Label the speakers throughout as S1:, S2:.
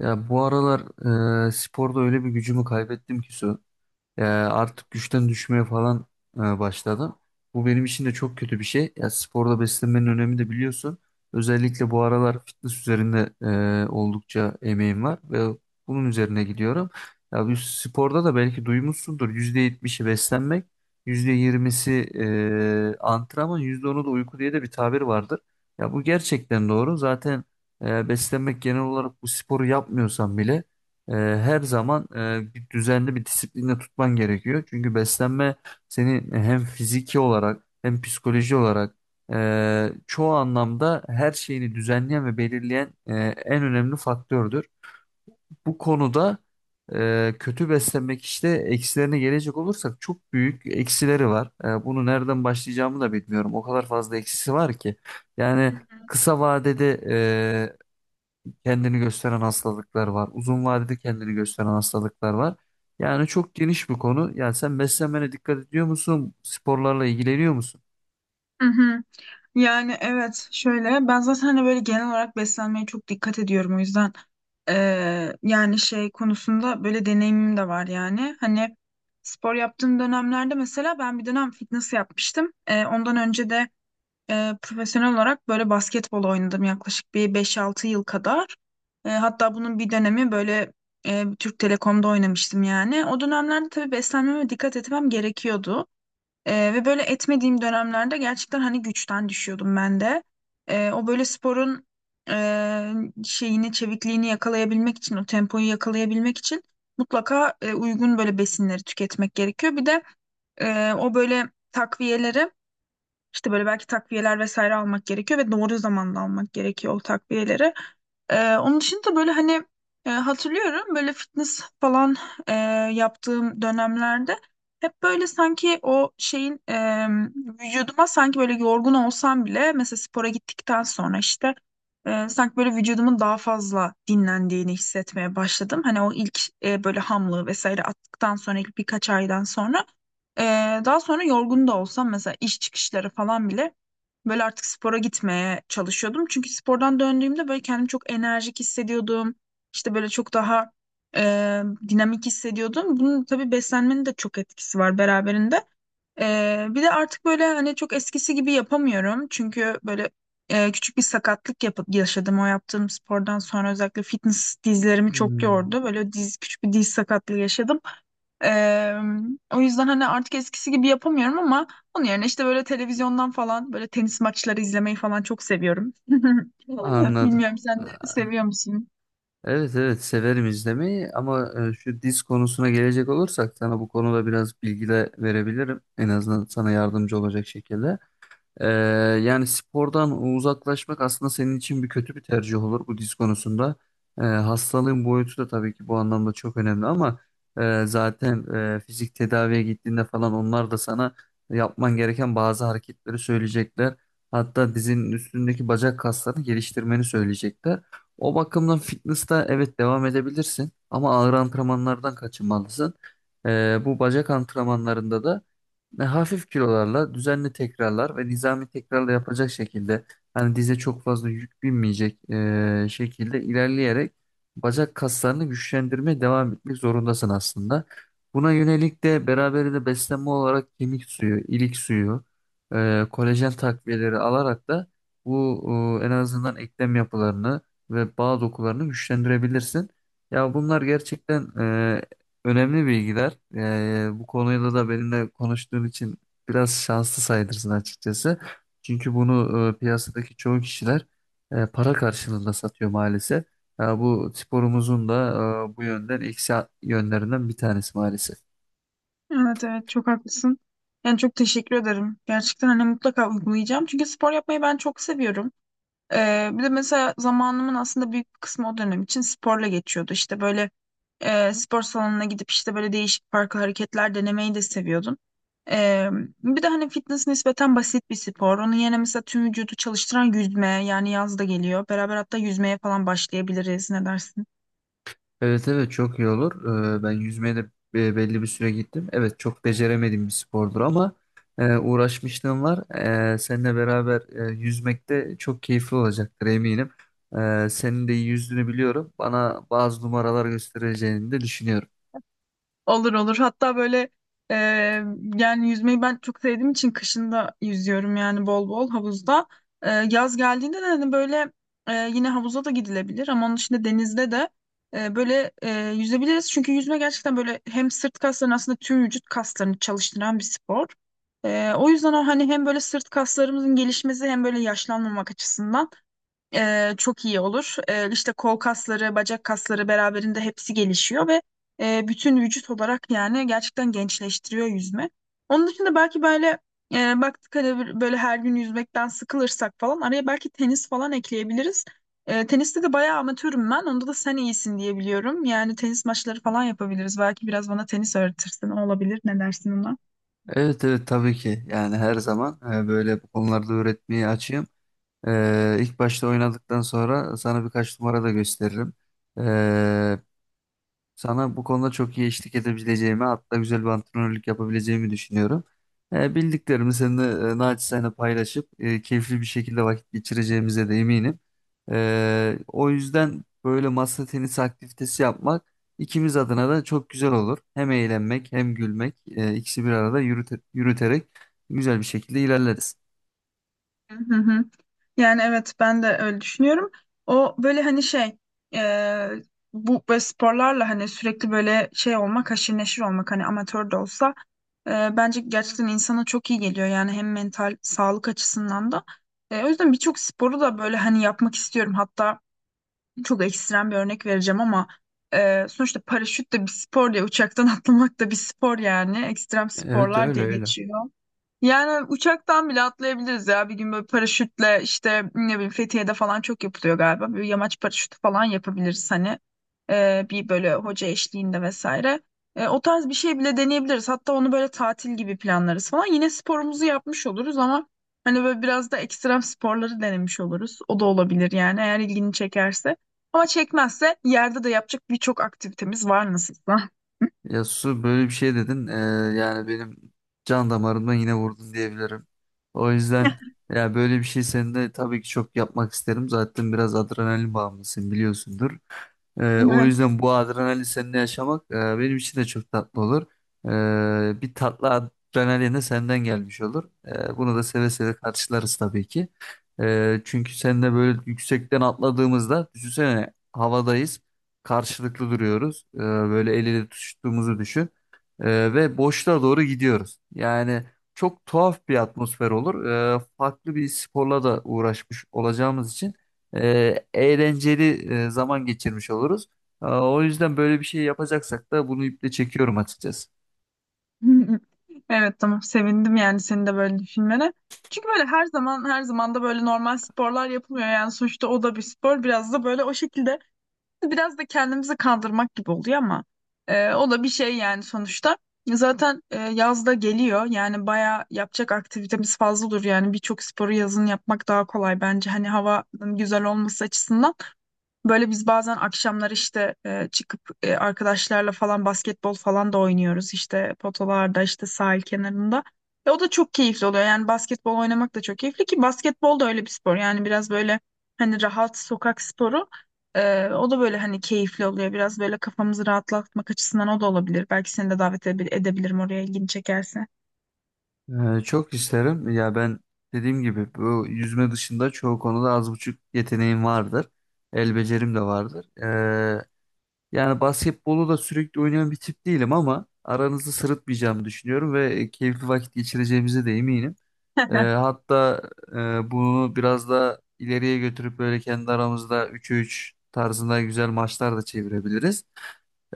S1: Ya bu aralar sporda öyle bir gücümü kaybettim ki Su. Artık güçten düşmeye falan başladım. Bu benim için de çok kötü bir şey. Ya sporda beslenmenin önemi de biliyorsun. Özellikle bu aralar fitness üzerinde oldukça emeğim var ve bunun üzerine gidiyorum. Ya bu sporda da belki duymuşsundur. %70'i beslenmek, %20'si antrenman, %10'u da uyku diye de bir tabir vardır. Ya bu gerçekten doğru. Zaten beslenmek genel olarak bu sporu yapmıyorsan bile her zaman bir düzenli bir disiplinle tutman gerekiyor. Çünkü beslenme seni hem fiziki olarak hem psikoloji olarak çoğu anlamda her şeyini düzenleyen ve belirleyen en önemli faktördür. Bu konuda kötü beslenmek işte eksilerine gelecek olursak çok büyük eksileri var. Bunu nereden başlayacağımı da bilmiyorum. O kadar fazla eksisi var ki. Yani
S2: Hı
S1: kısa vadede kendini gösteren hastalıklar var. Uzun vadede kendini gösteren hastalıklar var. Yani çok geniş bir konu. Yani sen beslenmene dikkat ediyor musun? Sporlarla ilgileniyor musun?
S2: hı. Yani evet şöyle ben zaten hani böyle genel olarak beslenmeye çok dikkat ediyorum, o yüzden yani şey konusunda böyle deneyimim de var yani hani spor yaptığım dönemlerde mesela ben bir dönem fitness yapmıştım. Ondan önce de profesyonel olarak böyle basketbol oynadım yaklaşık bir 5-6 yıl kadar. Hatta bunun bir dönemi böyle Türk Telekom'da oynamıştım. Yani o dönemlerde tabii beslenmeme dikkat etmem gerekiyordu. Ve böyle etmediğim dönemlerde gerçekten hani güçten düşüyordum ben de. O böyle sporun e, şeyini, çevikliğini yakalayabilmek için, o tempoyu yakalayabilmek için mutlaka uygun böyle besinleri tüketmek gerekiyor. Bir de o böyle takviyeleri işte böyle belki takviyeler vesaire almak gerekiyor ve doğru zamanda almak gerekiyor o takviyeleri. Onun dışında böyle hani hatırlıyorum böyle fitness falan e, yaptığım dönemlerde hep böyle sanki o şeyin vücuduma sanki böyle yorgun olsam bile mesela spora gittikten sonra işte sanki böyle vücudumun daha fazla dinlendiğini hissetmeye başladım. Hani o ilk böyle hamlığı vesaire attıktan sonra ilk birkaç aydan sonra. Ee, Daha sonra yorgun da olsam mesela iş çıkışları falan bile böyle artık spora gitmeye çalışıyordum. Çünkü spordan döndüğümde böyle kendimi çok enerjik hissediyordum. İşte böyle çok daha e, dinamik hissediyordum. Bunun tabii beslenmenin de çok etkisi var beraberinde. Bir de artık böyle hani çok eskisi gibi yapamıyorum. Çünkü böyle küçük bir sakatlık yaşadım o yaptığım spordan sonra, özellikle fitness dizlerimi çok
S1: Hmm.
S2: yordu. Böyle diz küçük bir diz sakatlığı yaşadım. Eee, O yüzden hani artık eskisi gibi yapamıyorum ama onun yerine işte böyle televizyondan falan böyle tenis maçları izlemeyi falan çok seviyorum.
S1: Anladım.
S2: Bilmiyorum, sen de
S1: Ee,
S2: seviyor musun?
S1: Evet, evet, severim izlemeyi ama şu diz konusuna gelecek olursak sana bu konuda biraz bilgi de verebilirim. En azından sana yardımcı olacak şekilde. Ee, Yani spordan uzaklaşmak aslında senin için bir kötü bir tercih olur bu diz konusunda. Hastalığın boyutu da tabii ki bu anlamda çok önemli ama zaten fizik tedaviye gittiğinde falan onlar da sana yapman gereken bazı hareketleri söyleyecekler. Hatta dizinin üstündeki bacak kaslarını geliştirmeni söyleyecekler. O bakımdan fitness'ta evet devam edebilirsin ama ağır antrenmanlardan kaçınmalısın. Bu bacak antrenmanlarında da ve hafif kilolarla düzenli tekrarlar ve nizami tekrarla yapacak şekilde hani dize çok fazla yük binmeyecek şekilde ilerleyerek bacak kaslarını güçlendirmeye devam etmek zorundasın aslında. Buna yönelik de beraberinde beslenme olarak kemik suyu, ilik suyu, kolajen takviyeleri alarak da bu en azından eklem yapılarını ve bağ dokularını güçlendirebilirsin. Ya bunlar gerçekten önemli bilgiler. Bu konuyla da benimle konuştuğun için biraz şanslı sayılırsın açıkçası. Çünkü bunu piyasadaki çoğu kişiler para karşılığında satıyor maalesef. Ya bu sporumuzun da bu yönden eksi yönlerinden bir tanesi maalesef.
S2: Evet, evet, çok haklısın. Yani çok teşekkür ederim. Gerçekten hani mutlaka uygulayacağım. Çünkü spor yapmayı ben çok seviyorum. Bir de mesela zamanımın aslında büyük bir kısmı o dönem için sporla geçiyordu. İşte böyle spor salonuna gidip işte böyle değişik farklı hareketler denemeyi de seviyordum. E, Bir de hani fitness nispeten basit bir spor. Onun yerine mesela tüm vücudu çalıştıran yüzme, yani yaz da geliyor. Beraber hatta yüzmeye falan başlayabiliriz. Ne dersin?
S1: Evet, evet, çok iyi olur. Ben yüzmeye de belli bir süre gittim. Evet, çok beceremediğim bir spordur ama uğraşmışlığım var. Seninle beraber yüzmek de çok keyifli olacaktır, eminim. Senin de iyi yüzdüğünü biliyorum. Bana bazı numaralar göstereceğini de düşünüyorum.
S2: Olur olur. Hatta böyle e, yani yüzmeyi ben çok sevdiğim için kışın da yüzüyorum yani bol bol havuzda. Yaz geldiğinde de hani böyle yine havuza da gidilebilir ama onun dışında denizde de böyle yüzebiliriz. Çünkü yüzme gerçekten böyle hem sırt kaslarını, aslında tüm vücut kaslarını çalıştıran bir spor. O yüzden o hani hem böyle sırt kaslarımızın gelişmesi hem böyle yaşlanmamak açısından çok iyi olur. İşte kol kasları, bacak kasları beraberinde hepsi gelişiyor ve bütün vücut olarak yani gerçekten gençleştiriyor yüzme. Onun dışında belki böyle baktık hani böyle her gün yüzmekten sıkılırsak falan araya belki tenis falan ekleyebiliriz. Teniste de bayağı amatörüm ben. Onda da sen iyisin diye biliyorum. Yani tenis maçları falan yapabiliriz. Belki biraz bana tenis öğretirsin. O olabilir. Ne dersin ona?
S1: Evet, evet, tabii ki. Yani her zaman böyle bu konularda öğretmeye açığım. İlk başta oynadıktan sonra sana birkaç numara da gösteririm. E, Sana bu konuda çok iyi eşlik edebileceğimi, hatta güzel bir antrenörlük yapabileceğimi düşünüyorum. Bildiklerimi seninle naçizane paylaşıp keyifli bir şekilde vakit geçireceğimize de eminim. O yüzden böyle masa tenisi aktivitesi yapmak ikimiz adına da çok güzel olur. Hem eğlenmek hem gülmek ikisi bir arada yürüterek güzel bir şekilde ilerleriz.
S2: Hı hı. Yani evet ben de öyle düşünüyorum. O böyle hani şey e, bu böyle sporlarla hani sürekli böyle şey olmak, haşir neşir olmak, hani amatör de olsa e, bence gerçekten insana çok iyi geliyor, yani hem mental sağlık açısından da. O yüzden birçok sporu da böyle hani yapmak istiyorum. Hatta çok ekstrem bir örnek vereceğim ama sonuçta paraşüt de bir spor diye uçaktan atlamak da bir spor, yani ekstrem
S1: Evet,
S2: sporlar
S1: öyle
S2: diye
S1: öyle.
S2: geçiyor. Yani uçaktan bile atlayabiliriz ya. Bir gün böyle paraşütle işte ne bileyim Fethiye'de falan çok yapılıyor galiba. Bir yamaç paraşütü falan yapabiliriz hani. Bir böyle hoca eşliğinde vesaire. O tarz bir şey bile deneyebiliriz. Hatta onu böyle tatil gibi planlarız falan. Yine sporumuzu yapmış oluruz ama hani böyle biraz da ekstrem sporları denemiş oluruz. O da olabilir yani, eğer ilgini çekerse. Ama çekmezse yerde de yapacak birçok aktivitemiz var nasılsa.
S1: Ya Su, böyle bir şey dedin. Yani benim can damarımdan yine vurdun diyebilirim. O yüzden ya böyle bir şey senin de tabii ki çok yapmak isterim. Zaten biraz adrenalin bağımlısın, biliyorsundur. O
S2: Evet.
S1: yüzden bu adrenalin seninle yaşamak benim için de çok tatlı olur. Bir tatlı adrenalin de senden gelmiş olur. Bunu da seve seve karşılarız tabii ki. Çünkü seninle böyle yüksekten atladığımızda düşünsene, havadayız, karşılıklı duruyoruz. Böyle el ele tutuştuğumuzu düşün. Ve boşluğa doğru gidiyoruz. Yani çok tuhaf bir atmosfer olur. Farklı bir sporla da uğraşmış olacağımız için eğlenceli zaman geçirmiş oluruz. O yüzden böyle bir şey yapacaksak da bunu iple çekiyorum açıkçası.
S2: Evet, tamam, sevindim yani senin de böyle düşünmene. Çünkü böyle her zaman her zaman da böyle normal sporlar yapılmıyor yani, sonuçta o da bir spor, biraz da böyle o şekilde. Biraz da kendimizi kandırmak gibi oluyor ama o da bir şey yani sonuçta. Zaten yaz da geliyor yani baya yapacak aktivitemiz fazla olur, yani birçok sporu yazın yapmak daha kolay bence, hani havanın güzel olması açısından. Böyle biz bazen akşamlar işte çıkıp arkadaşlarla falan basketbol falan da oynuyoruz işte potolarda, işte sahil kenarında. O da çok keyifli oluyor yani basketbol oynamak da çok keyifli, ki basketbol da öyle bir spor yani biraz böyle hani rahat sokak sporu. O da böyle hani keyifli oluyor. Biraz böyle kafamızı rahatlatmak açısından o da olabilir. Belki seni de davet edebilirim oraya, ilgini çekerse.
S1: Çok isterim. Ya ben dediğim gibi bu yüzme dışında çoğu konuda az buçuk yeteneğim vardır. El becerim de vardır. Yani basketbolu da sürekli oynayan bir tip değilim ama aranızı sırıtmayacağımı düşünüyorum ve keyifli vakit geçireceğimize de eminim. Hatta bunu biraz da ileriye götürüp böyle kendi aramızda 3'e 3 tarzında güzel maçlar da çevirebiliriz.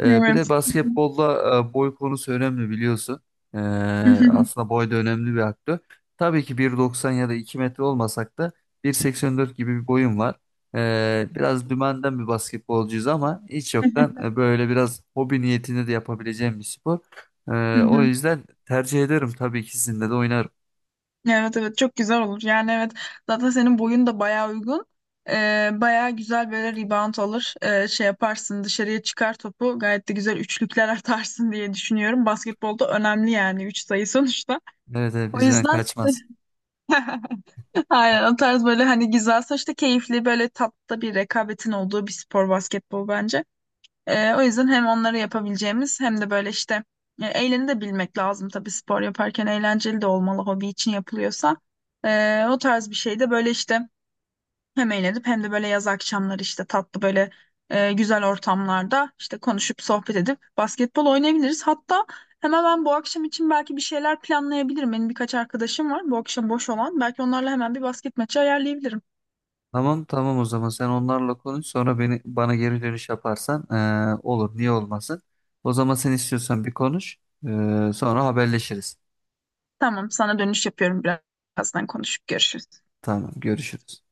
S1: Bir de
S2: Evet.
S1: basketbolda boy konusu önemli biliyorsun. Ee, Aslında boy da önemli bir aktör. Tabii ki 1,90 ya da 2 metre olmasak da 1,84 gibi bir boyum var. Biraz dümenden bir basketbolcuyuz ama hiç yoktan böyle biraz hobi niyetinde de yapabileceğim bir spor.
S2: Hı
S1: O
S2: hı.
S1: yüzden tercih ederim, tabii ki sizinle de oynarım.
S2: Evet, evet, çok güzel olur. Yani evet, zaten senin boyun da bayağı uygun. Bayağı güzel böyle rebound alır. Şey yaparsın, dışarıya çıkar topu gayet de güzel üçlükler atarsın diye düşünüyorum. Basketbolda önemli yani 3 sayı sonuçta.
S1: Evet, evet,
S2: O
S1: bizden
S2: yüzden
S1: kaçmaz.
S2: aynen o tarz böyle hani güzel, sonuçta keyifli böyle tatlı bir rekabetin olduğu bir spor basketbol bence. O yüzden hem onları yapabileceğimiz hem de böyle işte eğleni de bilmek lazım tabii, spor yaparken eğlenceli de olmalı hobi için yapılıyorsa. O tarz bir şey de böyle işte hem eğlenip hem de böyle yaz akşamları işte tatlı böyle güzel ortamlarda işte konuşup sohbet edip basketbol oynayabiliriz. Hatta hemen ben bu akşam için belki bir şeyler planlayabilirim. Benim birkaç arkadaşım var bu akşam boş olan. Belki onlarla hemen bir basket maçı ayarlayabilirim.
S1: Tamam, tamam, o zaman sen onlarla konuş, sonra bana geri dönüş yaparsan olur, niye olmasın. O zaman sen istiyorsan bir konuş, sonra haberleşiriz.
S2: Tamam, sana dönüş yapıyorum, birazdan konuşup görüşürüz.
S1: Tamam, görüşürüz.